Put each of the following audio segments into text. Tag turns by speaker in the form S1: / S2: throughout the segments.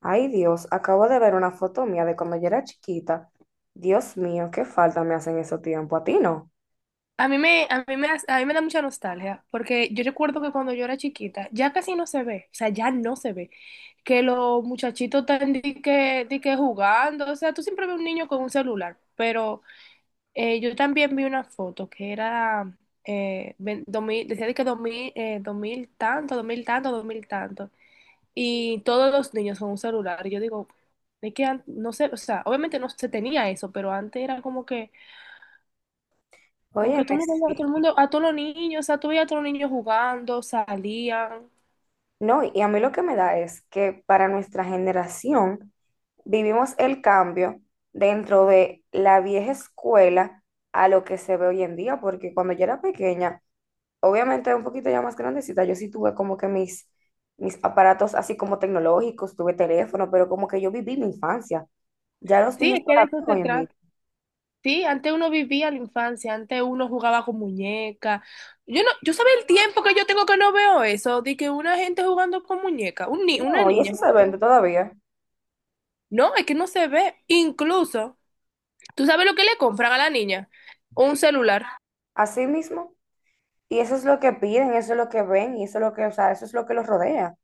S1: Ay, Dios, acabo de ver una foto mía de cuando yo era chiquita. Dios mío, qué falta me hacen esos tiempos. A ti no.
S2: A mí me, hace- a mí me da mucha nostalgia, porque yo recuerdo que cuando yo era chiquita, ya casi no se ve, o sea, ya no se ve, que los muchachitos están di que jugando. O sea, tú siempre ves un niño con un celular, pero yo también vi una foto que era, 2000 decía, de que 2000 2000 tanto, 2000 tanto, 2000 tanto, y todos los niños con un celular. Y yo digo, es que no sé, o sea, obviamente no se tenía eso, pero antes era como que tú
S1: Óyeme,
S2: no veías a
S1: sí.
S2: todo el mundo, a todos los niños. O sea, tú veías a todos los niños jugando, salían.
S1: No, y a mí lo que me da es que para nuestra generación vivimos el cambio dentro de la vieja escuela a lo que se ve hoy en día, porque cuando yo era pequeña, obviamente un poquito ya más grandecita, yo sí tuve como que mis aparatos así como tecnológicos, tuve teléfono, pero como que yo viví mi infancia. Ya los
S2: Sí,
S1: niños
S2: es
S1: no
S2: que de
S1: la
S2: eso
S1: viven
S2: se
S1: hoy en día.
S2: trata. Sí, antes uno vivía la infancia, antes uno jugaba con muñecas. Yo no, yo sabía el tiempo que yo tengo que no veo eso, de que una gente jugando con muñecas, un ni- una
S1: No, y
S2: niña
S1: eso se
S2: jugando
S1: vende
S2: con.
S1: todavía,
S2: No, es que no se ve. Incluso, ¿tú sabes lo que le compran a la niña? Un celular.
S1: así mismo. Y eso es lo que piden, eso es lo que ven, y eso es lo que, o sea, eso es lo que los rodea.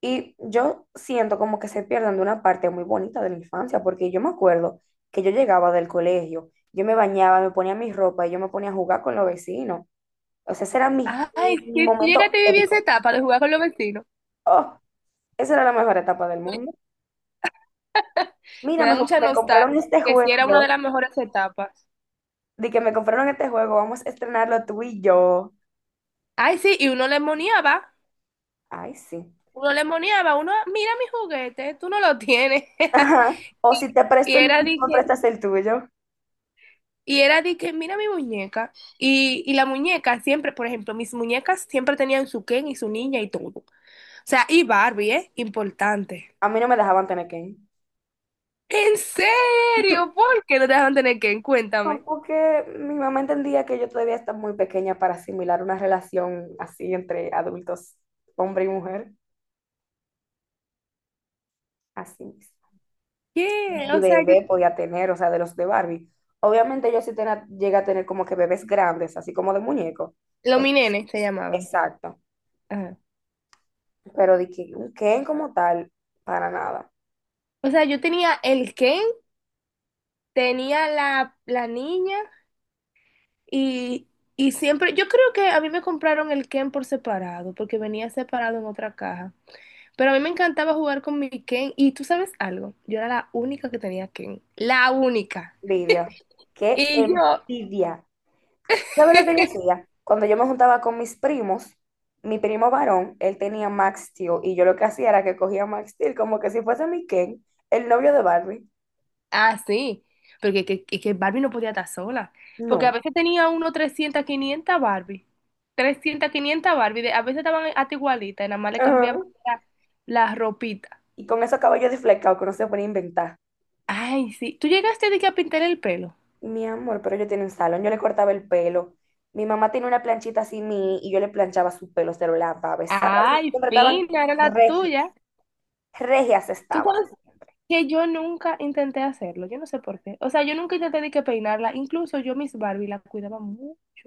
S1: Y yo siento como que se pierden de una parte muy bonita de la infancia, porque yo me acuerdo que yo llegaba del colegio, yo me bañaba, me ponía mi ropa y yo me ponía a jugar con los vecinos. O sea, ese era mi,
S2: Ay,
S1: mi, mi
S2: si tú
S1: momento
S2: llegaste a vivir esa
S1: épico.
S2: etapa de jugar con los vecinos,
S1: Oh, esa era la mejor etapa del mundo.
S2: me
S1: Mira,
S2: da mucha
S1: me compraron
S2: nostalgia,
S1: este
S2: porque sí era una de
S1: juego,
S2: las mejores etapas.
S1: de que me compraron este juego, vamos a estrenarlo tú y yo.
S2: Ay, sí, y uno le moniaba.
S1: Ay, sí.
S2: Uno le moneaba, uno, mira mi juguete, tú no lo tienes.
S1: Ajá. O
S2: Y,
S1: si te
S2: y
S1: presto el mío,
S2: era de
S1: tú me
S2: que,
S1: prestas el tuyo.
S2: y era de que, mira mi muñeca. Y la muñeca siempre, por ejemplo, mis muñecas siempre tenían su Ken y su niña y todo. O sea, y Barbie, ¿eh? Importante.
S1: A mí no me dejaban tener que ir.
S2: ¿En serio? ¿Por qué no te dejaban tener Ken?
S1: No,
S2: Cuéntame.
S1: porque mi mamá entendía que yo todavía estaba muy pequeña para asimilar una relación así entre adultos, hombre y mujer, así mismo.
S2: ¿Qué?
S1: Y
S2: O sea, yo...
S1: bebé podía tener, o sea, de los de Barbie. Obviamente yo sí tenía, llegué a tener como que bebés grandes, así como de muñeco.
S2: Los
S1: Es-
S2: mi nene se llamaban.
S1: exacto.
S2: Ajá.
S1: Pero de que un Ken como tal, para nada.
S2: O sea, yo tenía el Ken, tenía la niña. Y, y siempre, yo creo que a mí me compraron el Ken por separado, porque venía separado en otra caja. Pero a mí me encantaba jugar con mi Ken. Y tú sabes algo, yo era la única que tenía Ken. La única.
S1: Envidia. Qué
S2: Y yo,
S1: envidia. ¿Sabes lo que yo hacía? Cuando yo me juntaba con mis primos, mi primo varón, él tenía Max Steel y yo lo que hacía era que cogía Max Steel como que si fuese mi Ken, el novio de Barbie.
S2: ah, sí, porque que Barbie no podía estar sola. Porque a
S1: No.
S2: veces tenía uno 300 500 Barbie, a veces estaban hasta igualitas, y nada más le cambiaban
S1: Ajá.
S2: la, la ropita.
S1: Y con esos cabellos deflecados que no se pueden inventar.
S2: Ay, sí. ¿Tú llegaste de que a pintar el pelo?
S1: Mi amor, pero yo tenía un salón, yo le cortaba el pelo. Mi mamá tenía una planchita así mini y yo le planchaba su pelo, se lo lavaba, besaba. Y
S2: Ay,
S1: siempre estaban
S2: fina, era la
S1: regias,
S2: tuya.
S1: regias
S2: Tú
S1: estaban.
S2: sabes que yo nunca intenté hacerlo, yo no sé por qué. O sea, yo nunca intenté de que peinarla, incluso yo mis Barbie la cuidaba mucho.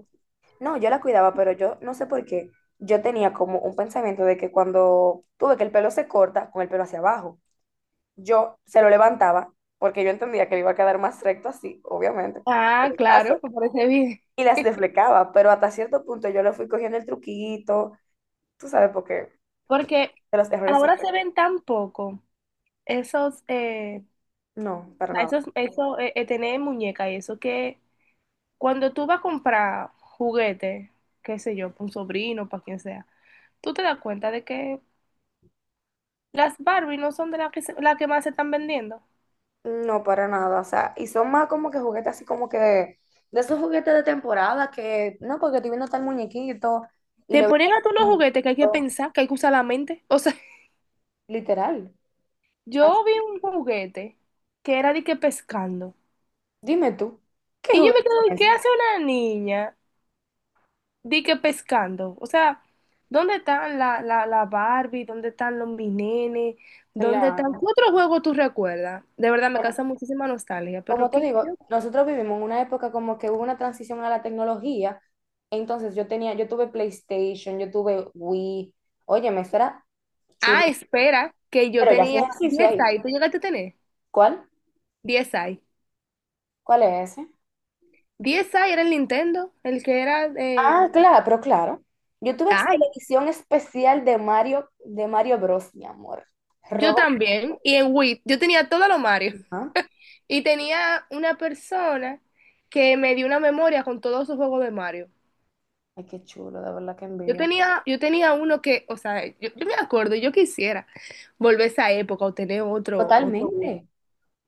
S1: No, yo la cuidaba, pero yo no sé por qué. Yo tenía como un pensamiento de que cuando tuve que el pelo se corta, con el pelo hacia abajo, yo se lo levantaba porque yo entendía que le iba a quedar más recto así, obviamente,
S2: Ah,
S1: en el caso.
S2: claro, me parece bien.
S1: Y las deflecaba, pero hasta cierto punto yo le fui cogiendo el truquito, tú sabes, porque
S2: Porque
S1: de los errores se
S2: ahora
S1: aprende.
S2: se ven tan poco esos,
S1: No,
S2: o
S1: para
S2: sea,
S1: nada.
S2: tener muñeca y eso, que cuando tú vas a comprar juguete, qué sé yo, para un sobrino, para quien sea, tú te das cuenta de que las Barbie no son de las que, la que más se están vendiendo.
S1: No, para nada. O sea, y son más como que juguetes así como que de esos juguetes de temporada que, no, porque estoy viendo tal muñequito y
S2: Te
S1: le veo
S2: ponen a
S1: tal
S2: todos los juguetes que hay que
S1: muñequito,
S2: pensar, que hay que usar la mente. O sea,
S1: literal. Ah,
S2: yo vi un juguete que era de que pescando.
S1: dime tú, ¿qué
S2: Y yo me
S1: juguetes son
S2: quedé, ¿qué
S1: esos?
S2: hace una niña de que pescando? O sea, ¿dónde están la Barbie? ¿Dónde están los mi nenes? ¿Dónde están? ¿Qué
S1: Claro.
S2: otro juego tú recuerdas? De verdad me causa
S1: Bueno,
S2: muchísima nostalgia,
S1: como
S2: pero
S1: te
S2: ¿qué?
S1: digo, nosotros vivimos en una época como que hubo una transición a la tecnología. Entonces yo tenía, yo tuve PlayStation, yo tuve Wii. Oye, me era chulo.
S2: Ah, espera, que yo
S1: Pero ya hacía
S2: tenía
S1: ejercicio
S2: 10
S1: ahí.
S2: ahí. ¿Tú llegaste a tener?
S1: ¿Cuál?
S2: 10 ahí.
S1: ¿Cuál es ese?
S2: 10 ahí era el Nintendo, el que era...
S1: Ah, claro, pero claro. Yo tuve televisión especial de Mario Bros, mi amor.
S2: Yo
S1: Rojo.
S2: también, y en Wii, yo tenía todos los Mario.
S1: Ah,
S2: Y tenía una persona que me dio una memoria con todos sus juegos de Mario.
S1: ay, qué chulo, de verdad que
S2: Yo
S1: envidia.
S2: tenía, yo tenía uno que, o sea, yo me acuerdo, yo quisiera volver a esa época o tener otro Wii.
S1: Totalmente.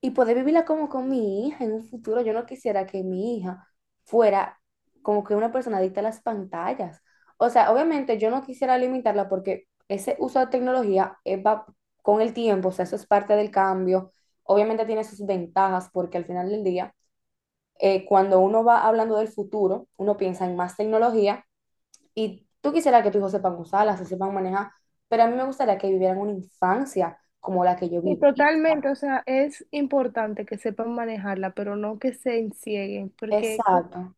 S1: Y poder vivirla como con mi hija en un futuro. Yo no quisiera que mi hija fuera como que una persona adicta a las pantallas. O sea, obviamente yo no quisiera limitarla porque ese uso de tecnología va con el tiempo, o sea, eso es parte del cambio. Obviamente tiene sus ventajas porque al final del día, cuando uno va hablando del futuro, uno piensa en más tecnología y tú quisieras que tus hijos sepan usarla, se sepan manejar, pero a mí me gustaría que vivieran una infancia como la que yo
S2: Y
S1: viví.
S2: totalmente, o sea, es importante que sepan manejarla, pero no que se encieguen, porque
S1: Exacto.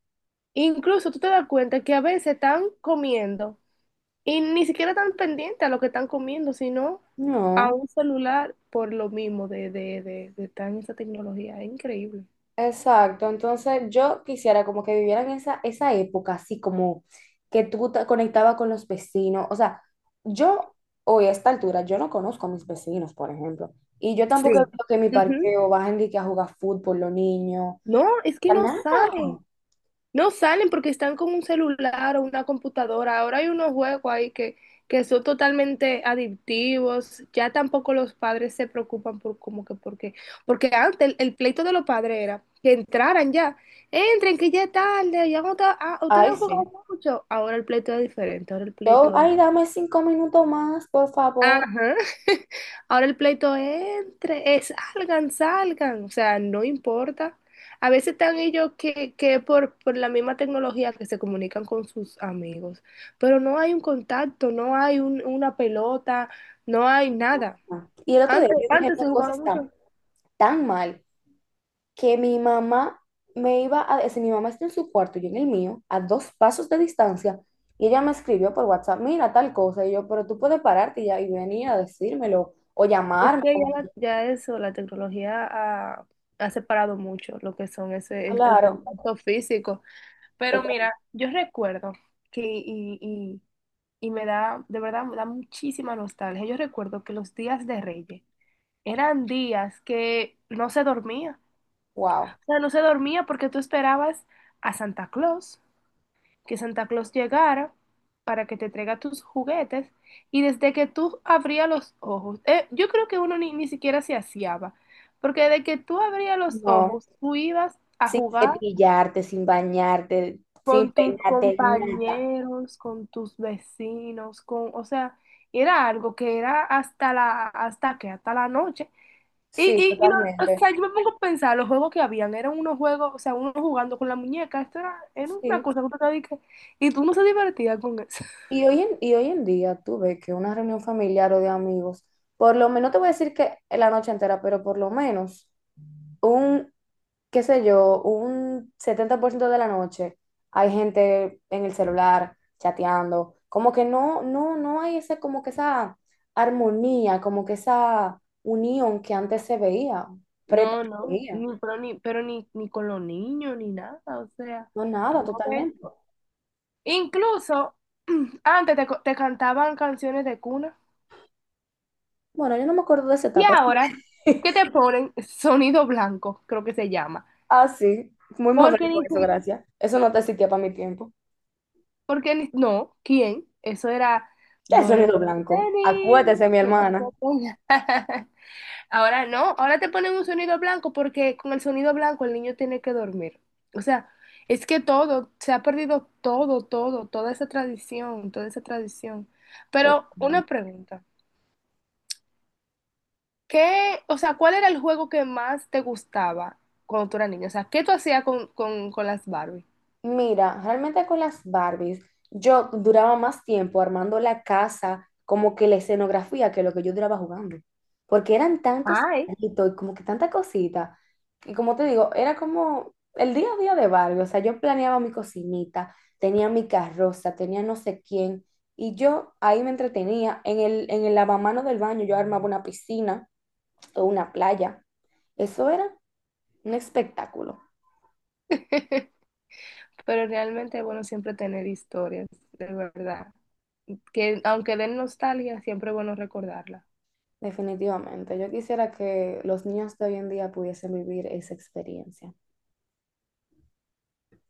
S2: incluso tú te das cuenta que a veces están comiendo. Y ni siquiera están pendientes a lo que están comiendo, sino a
S1: No.
S2: un celular por lo mismo de estar en esa tecnología. Es increíble.
S1: Exacto, entonces yo quisiera como que vivieran esa, esa época, así como que tú te conectabas con los vecinos. O sea, yo hoy a esta altura, yo no conozco a mis vecinos, por ejemplo, y yo tampoco veo
S2: Sí.
S1: que en mi
S2: Ujú.
S1: parqueo bajen de que a jugar fútbol los niños. O
S2: No, es que
S1: sea,
S2: no
S1: nada.
S2: salen. No salen porque están con un celular o una computadora. Ahora hay unos juegos ahí que son totalmente adictivos. Ya tampoco los padres se preocupan por como que porque. Porque antes el pleito de los padres era que entraran ya. Entren, que ya es tarde, ya no está- ah, ustedes
S1: Ay,
S2: han jugado
S1: sí.
S2: mucho. Ahora el pleito es diferente, ahora el
S1: Yo,
S2: pleito es.
S1: ay, dame 5 minutos más, por favor.
S2: Ajá. Ahora el pleito entre, salgan, salgan, o sea, no importa. A veces están ellos que por la misma tecnología que se comunican con sus amigos, pero no hay un contacto, no hay una pelota, no hay nada.
S1: Y el otro día
S2: Antes,
S1: yo dije,
S2: antes
S1: no,
S2: se
S1: cosa
S2: jugaba
S1: está
S2: mucho.
S1: tan mal que mi mamá me iba a decir, mi mamá está en su cuarto, yo en el mío, a dos pasos de distancia, y ella me escribió por WhatsApp, mira tal cosa, y yo, pero tú puedes pararte y, ya, y venir a decírmelo o
S2: Es
S1: llamarme,
S2: que ya,
S1: como que,
S2: ya eso, la tecnología ha separado mucho lo que son el
S1: claro,
S2: contacto físico. Pero
S1: pero,
S2: mira, yo recuerdo que, de verdad, me da muchísima nostalgia. Yo recuerdo que los días de Reyes eran días que no se dormía.
S1: wow,
S2: O sea, no se dormía porque tú esperabas a Santa Claus, que Santa Claus llegara para que te traiga tus juguetes. Y desde que tú abrías los ojos, yo creo que uno ni siquiera se aseaba, porque desde que tú abrías los
S1: no,
S2: ojos, tú ibas a
S1: sin
S2: jugar
S1: cepillarte, sin bañarte, sin
S2: con tus
S1: peinarte, nada.
S2: compañeros, con tus vecinos, con, o sea, era algo que era hasta la noche. Y,
S1: Sí,
S2: y, y no, o
S1: totalmente.
S2: sea, yo me pongo a pensar, los juegos que habían, eran unos juegos, o sea, uno jugando con la muñeca, esto era una
S1: Sí.
S2: cosa que tú te dedicas, y tú no se divertías con eso.
S1: Y hoy y hoy en día tú ves que una reunión familiar o de amigos, por lo menos, no te voy a decir que la noche entera, pero por lo menos un, qué sé yo, un 70% de la noche hay gente en el celular chateando, como que no, no, no hay ese, como que esa armonía, como que esa unión que antes se veía,
S2: No, no,
S1: pretendía,
S2: ni con los niños, ni nada. O sea,
S1: no
S2: tú
S1: nada,
S2: no ves-
S1: totalmente.
S2: incluso, antes te cantaban canciones de cuna.
S1: Bueno, yo no me acuerdo de esa
S2: Y
S1: etapa.
S2: ahora, ¿qué te ponen? Sonido blanco, creo que se llama.
S1: Ah, sí, muy
S2: Porque
S1: moderno
S2: ni
S1: eso,
S2: si-
S1: gracias. Eso no te existía para mi tiempo.
S2: porque ni- no, ¿quién? Eso era
S1: ¿Qué
S2: duerme,
S1: sonido blanco?
S2: niño,
S1: Acuérdese, mi hermana.
S2: duerme. Ahora no, ahora te ponen un sonido blanco porque con el sonido blanco el niño tiene que dormir. O sea, es que todo, se ha perdido todo, todo, toda esa tradición, toda esa tradición. Pero una pregunta. ¿O sea, cuál era el juego que más te gustaba cuando tú eras niña? O sea, ¿qué tú hacías con, las Barbie?
S1: Mira, realmente con las Barbies, yo duraba más tiempo armando la casa, como que la escenografía, que lo que yo duraba jugando. Porque eran tantos
S2: Ay.
S1: detallitos y como que tanta cosita. Y como te digo, era como el día a día de Barbie. O sea, yo planeaba mi cocinita, tenía mi carroza, tenía no sé quién. Y yo ahí me entretenía. En el lavamanos del baño yo armaba una piscina o una playa. Eso era un espectáculo.
S2: Pero realmente es bueno siempre tener historias, de verdad. Que aunque den nostalgia, siempre es bueno recordarla.
S1: Definitivamente, yo quisiera que los niños de hoy en día pudiesen vivir esa experiencia.